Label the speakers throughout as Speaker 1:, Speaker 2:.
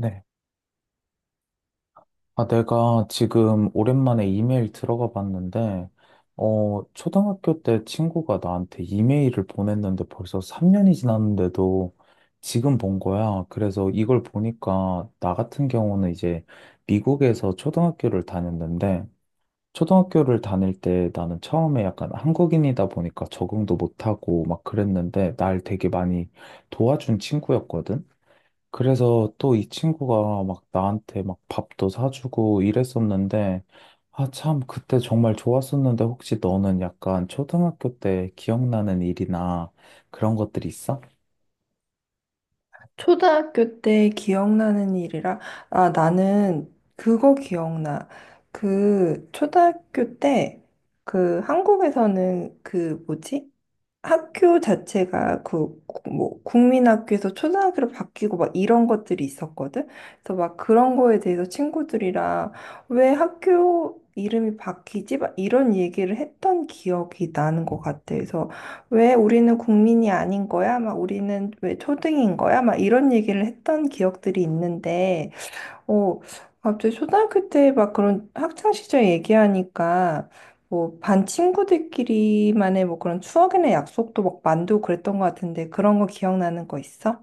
Speaker 1: 네. 아, 내가 지금 오랜만에 이메일 들어가 봤는데, 초등학교 때 친구가 나한테 이메일을 보냈는데 벌써 3년이 지났는데도 지금 본 거야. 그래서 이걸 보니까 나 같은 경우는 이제 미국에서 초등학교를 다녔는데, 초등학교를 다닐 때 나는 처음에 약간 한국인이다 보니까 적응도 못하고 막 그랬는데, 날 되게 많이 도와준 친구였거든. 그래서 또 이 친구가 막 나한테 막 밥도 사주고 이랬었는데, 아, 참, 그때 정말 좋았었는데, 혹시 너는 약간 초등학교 때 기억나는 일이나 그런 것들 있어?
Speaker 2: 초등학교 때 기억나는 일이라, 아, 나는 그거 기억나. 그, 초등학교 때, 그, 한국에서는 그, 뭐지? 학교 자체가 그, 뭐, 국민학교에서 초등학교로 바뀌고 막 이런 것들이 있었거든? 그래서 막 그런 거에 대해서 친구들이랑 왜 학교 이름이 바뀌지? 막 이런 얘기를 했던 기억이 나는 것 같아. 그래서 왜 우리는 국민이 아닌 거야? 막 우리는 왜 초등인 거야? 막 이런 얘기를 했던 기억들이 있는데 어, 갑자기 초등학교 때 막 그런 학창 시절 얘기하니까 뭐 반 친구들끼리만의 뭐 그런 추억이나 약속도 막 만들고 그랬던 것 같은데 그런 거 기억나는 거 있어?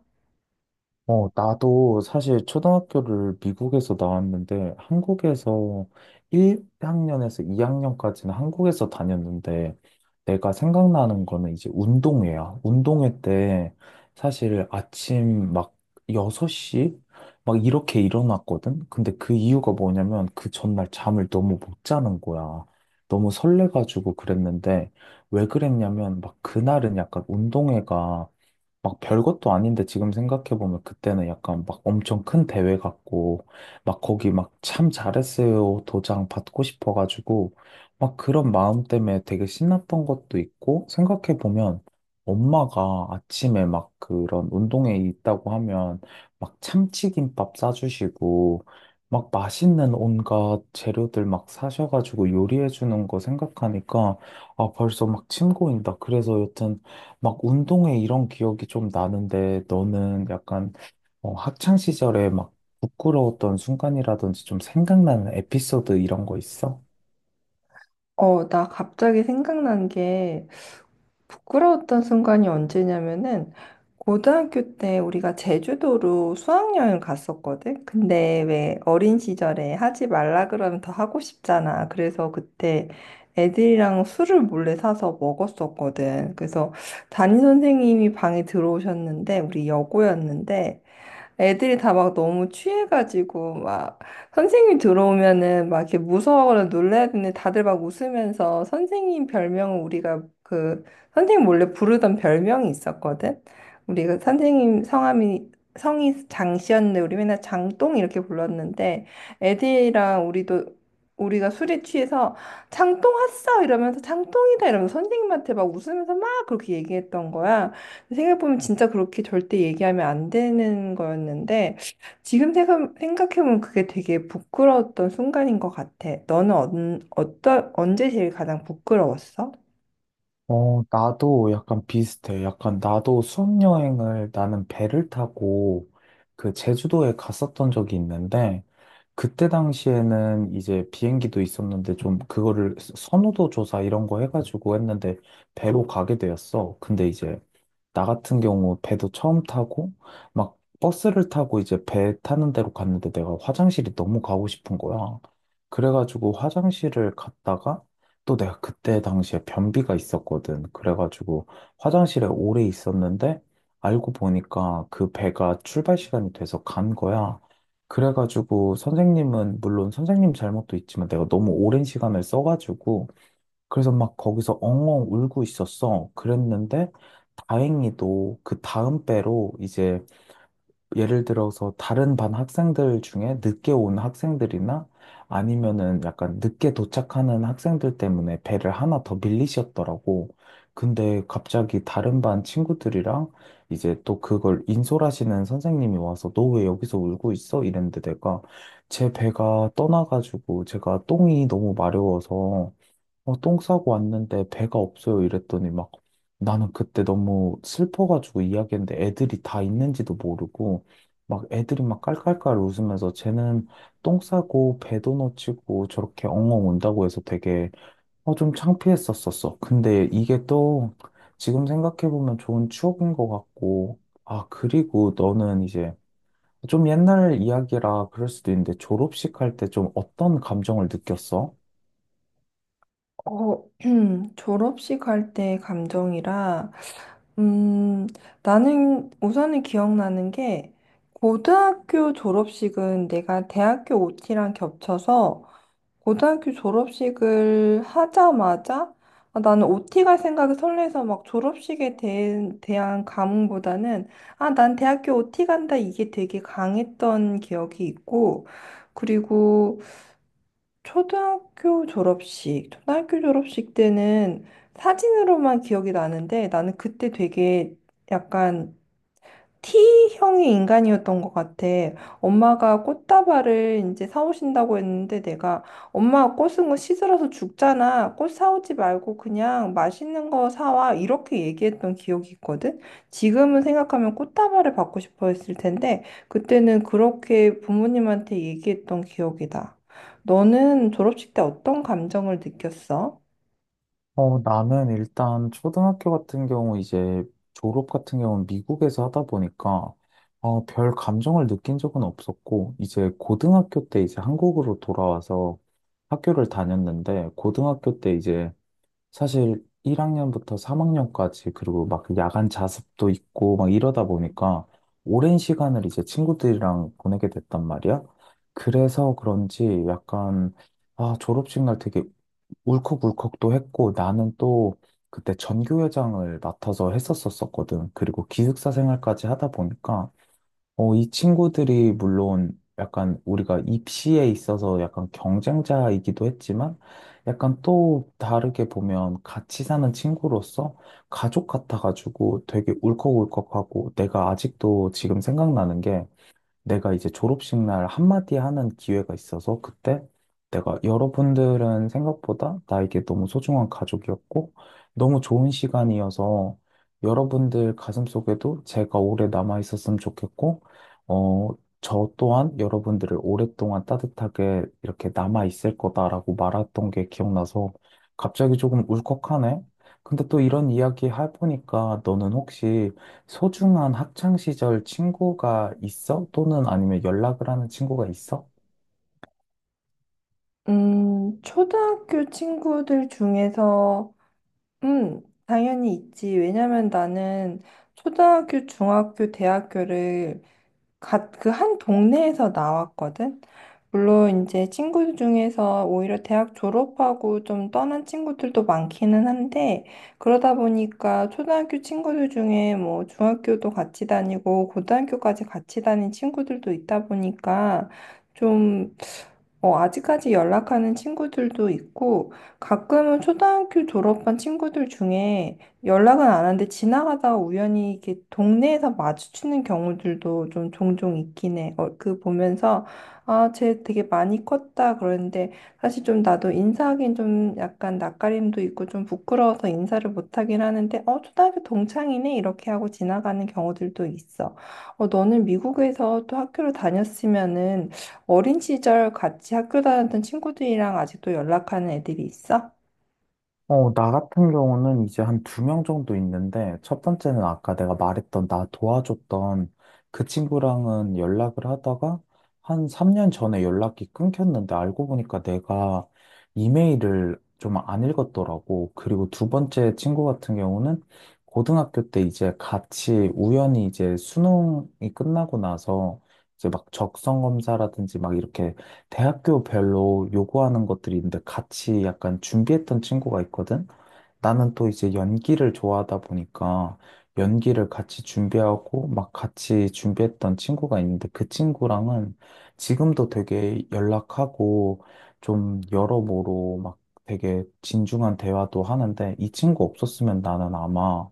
Speaker 1: 나도 사실 초등학교를 미국에서 나왔는데, 한국에서 1학년에서 2학년까지는 한국에서 다녔는데, 내가 생각나는 거는 이제 운동회야. 운동회 때 사실 아침 막 6시 막 이렇게 일어났거든. 근데 그 이유가 뭐냐면 그 전날 잠을 너무 못 자는 거야. 너무 설레가지고 그랬는데, 왜 그랬냐면 막 그날은 약간 운동회가 막 별것도 아닌데, 지금 생각해보면 그때는 약간 막 엄청 큰 대회 같고, 막 거기 막 참 잘했어요 도장 받고 싶어가지고, 막 그런 마음 때문에 되게 신났던 것도 있고. 생각해보면 엄마가 아침에 막 그런 운동회 있다고 하면 막 참치김밥 싸주시고, 막 맛있는 온갖 재료들 막 사셔가지고 요리해주는 거 생각하니까, 아 벌써 막 침 고인다. 그래서 여튼 막 운동회 이런 기억이 좀 나는데, 너는 약간 학창 시절에 막 부끄러웠던 순간이라든지 좀 생각나는 에피소드 이런 거 있어?
Speaker 2: 어, 나 갑자기 생각난 게 부끄러웠던 순간이 언제냐면은 고등학교 때 우리가 제주도로 수학여행 갔었거든. 근데 왜 어린 시절에 하지 말라 그러면 더 하고 싶잖아. 그래서 그때 애들이랑 술을 몰래 사서 먹었었거든. 그래서 담임 선생님이 방에 들어오셨는데 우리 여고였는데 애들이 다 막 너무 취해가지고 막 선생님 들어오면은 막 이렇게 무서워하거나 놀라야 되는데 다들 막 웃으면서 선생님 별명은 우리가 그 선생님 원래 부르던 별명이 있었거든. 우리가 선생님 성함이 성이 장씨였는데 우리 맨날 장똥 이렇게 불렀는데 애들이랑 우리도 우리가 술에 취해서 장똥 왔어 이러면서 장똥이다 이러면서 선생님한테 막 웃으면서 막 그렇게 얘기했던 거야. 생각해보면 진짜 그렇게 절대 얘기하면 안 되는 거였는데, 생각해보면 그게 되게 부끄러웠던 순간인 것 같아. 너는 언제 제일 가장 부끄러웠어?
Speaker 1: 나도 약간 비슷해. 약간 나도 수학여행을, 나는 배를 타고 그 제주도에 갔었던 적이 있는데, 그때 당시에는 이제 비행기도 있었는데 좀 그거를 선호도 조사 이런 거 해가지고 했는데 배로 가게 되었어. 근데 이제 나 같은 경우 배도 처음 타고, 막 버스를 타고 이제 배 타는 데로 갔는데 내가 화장실이 너무 가고 싶은 거야. 그래가지고 화장실을 갔다가, 또 내가 그때 당시에 변비가 있었거든. 그래가지고 화장실에 오래 있었는데, 알고 보니까 그 배가 출발 시간이 돼서 간 거야. 그래가지고 선생님은, 물론 선생님 잘못도 있지만 내가 너무 오랜 시간을 써가지고, 그래서 막 거기서 엉엉 울고 있었어. 그랬는데 다행히도 그 다음 배로 이제, 예를 들어서 다른 반 학생들 중에 늦게 온 학생들이나 아니면은 약간 늦게 도착하는 학생들 때문에 배를 하나 더 밀리셨더라고. 근데 갑자기 다른 반 친구들이랑 이제 또 그걸 인솔하시는 선생님이 와서, 너 왜 여기서 울고 있어? 이랬는데 내가 제 배가 떠나가지고, 제가 똥이 너무 마려워서 똥 싸고 왔는데 배가 없어요 이랬더니, 막 나는 그때 너무 슬퍼가지고 이야기했는데 애들이 다 있는지도 모르고, 막 애들이 막 깔깔깔 웃으면서 쟤는 똥 싸고 배도 놓치고 저렇게 엉엉 운다고 해서 되게 좀 창피했었었어. 근데 이게 또 지금 생각해보면 좋은 추억인 것 같고. 아, 그리고 너는 이제 좀 옛날 이야기라 그럴 수도 있는데, 졸업식 할 때 좀 어떤 감정을 느꼈어?
Speaker 2: 어, 졸업식 할 때 감정이라, 음, 나는 우선은 기억나는 게, 고등학교 졸업식은 내가 대학교 OT랑 겹쳐서 고등학교 졸업식을 하자마자 아, 나는 OT 갈 생각에 설레서 막 졸업식에 대한 감흥보다는 아, 난 대학교 OT 간다 이게 되게 강했던 기억이 있고 그리고 초등학교 졸업식 때는 사진으로만 기억이 나는데 나는 그때 되게 약간 T형의 인간이었던 것 같아. 엄마가 꽃다발을 이제 사오신다고 했는데 내가 엄마 꽃은 거 시들어서 죽잖아. 꽃 사오지 말고 그냥 맛있는 거 사와. 이렇게 얘기했던 기억이 있거든. 지금은 생각하면 꽃다발을 받고 싶어 했을 텐데 그때는 그렇게 부모님한테 얘기했던 기억이다. 너는 졸업식 때 어떤 감정을 느꼈어?
Speaker 1: 나는 일단 초등학교 같은 경우, 이제 졸업 같은 경우는 미국에서 하다 보니까 별 감정을 느낀 적은 없었고, 이제 고등학교 때 이제 한국으로 돌아와서 학교를 다녔는데, 고등학교 때 이제 사실 1학년부터 3학년까지, 그리고 막 야간 자습도 있고 막 이러다 보니까 오랜 시간을 이제 친구들이랑 보내게 됐단 말이야. 그래서 그런지 약간, 아, 졸업식 날 되게 울컥울컥도 했고. 나는 또 그때 전교회장을 맡아서 했었었거든. 그리고 기숙사 생활까지 하다 보니까 이 친구들이 물론 약간 우리가 입시에 있어서 약간 경쟁자이기도 했지만, 약간 또 다르게 보면 같이 사는 친구로서 가족 같아가지고 되게 울컥울컥하고. 내가 아직도 지금 생각나는 게, 내가 이제 졸업식 날 한마디 하는 기회가 있어서, 그때 내가 여러분들은 생각보다 나에게 너무 소중한 가족이었고, 너무 좋은 시간이어서 여러분들 가슴속에도 제가 오래 남아 있었으면 좋겠고, 어, 저 또한 여러분들을 오랫동안 따뜻하게 이렇게 남아 있을 거다라고 말했던 게 기억나서 갑자기 조금 울컥하네. 근데 또 이런 이야기 해보니까, 너는 혹시 소중한 학창 시절 친구가 있어? 또는 아니면 연락을 하는 친구가 있어?
Speaker 2: 초등학교 친구들 중에서 음, 당연히 있지. 왜냐면 나는 초등학교, 중학교, 대학교를 그 한 동네에서 나왔거든. 물론 이제 친구 중에서 오히려 대학 졸업하고 좀 떠난 친구들도 많기는 한데 그러다 보니까 초등학교 친구들 중에 뭐 중학교도 같이 다니고 고등학교까지 같이 다닌 친구들도 있다 보니까 좀 어, 아직까지 연락하는 친구들도 있고 가끔은 초등학교 졸업한 친구들 중에 연락은 안 하는데 지나가다가 우연히 이렇게 동네에서 마주치는 경우들도 좀 종종 있긴 해. 어, 그 보면서 아, 쟤 되게 많이 컸다 그러는데 사실 좀 나도 인사하긴 좀 약간 낯가림도 있고 좀 부끄러워서 인사를 못 하긴 하는데 어, 초등학교 동창이네 이렇게 하고 지나가는 경우들도 있어. 어, 너는 미국에서 또 학교를 다녔으면은 어린 시절 같이 학교 다녔던 친구들이랑 아직도 연락하는 애들이 있어?
Speaker 1: 나 같은 경우는 이제 한 두 명 정도 있는데, 첫 번째는 아까 내가 말했던 나 도와줬던 그 친구랑은 연락을 하다가 한 3년 전에 연락이 끊겼는데, 알고 보니까 내가 이메일을 좀 안 읽었더라고. 그리고 두 번째 친구 같은 경우는, 고등학교 때 이제 같이, 우연히 이제 수능이 끝나고 나서 이제 막 적성 검사라든지 막 이렇게 대학교별로 요구하는 것들이 있는데, 같이 약간 준비했던 친구가 있거든? 나는 또 이제 연기를 좋아하다 보니까 연기를 같이 준비하고, 막 같이 준비했던 친구가 있는데, 그 친구랑은 지금도 되게 연락하고 좀 여러모로 막 되게 진중한 대화도 하는데, 이 친구 없었으면 나는 아마,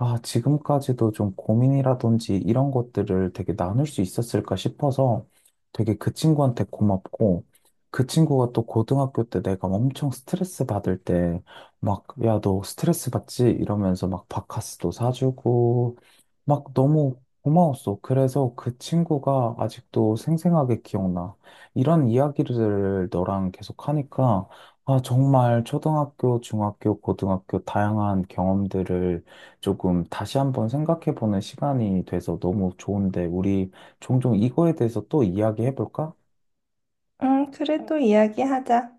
Speaker 1: 아, 지금까지도 좀 고민이라든지 이런 것들을 되게 나눌 수 있었을까 싶어서 되게 그 친구한테 고맙고. 그 친구가 또 고등학교 때 내가 엄청 스트레스 받을 때 막, 야, 너 스트레스 받지? 이러면서 막 바카스도 사주고 막 너무 고마웠어. 그래서 그 친구가 아직도 생생하게 기억나. 이런 이야기를 너랑 계속 하니까 아, 정말 초등학교, 중학교, 고등학교 다양한 경험들을 조금 다시 한번 생각해보는 시간이 돼서 너무 좋은데, 우리 종종 이거에 대해서 또 이야기해볼까?
Speaker 2: 응, 그래 또 이야기하자.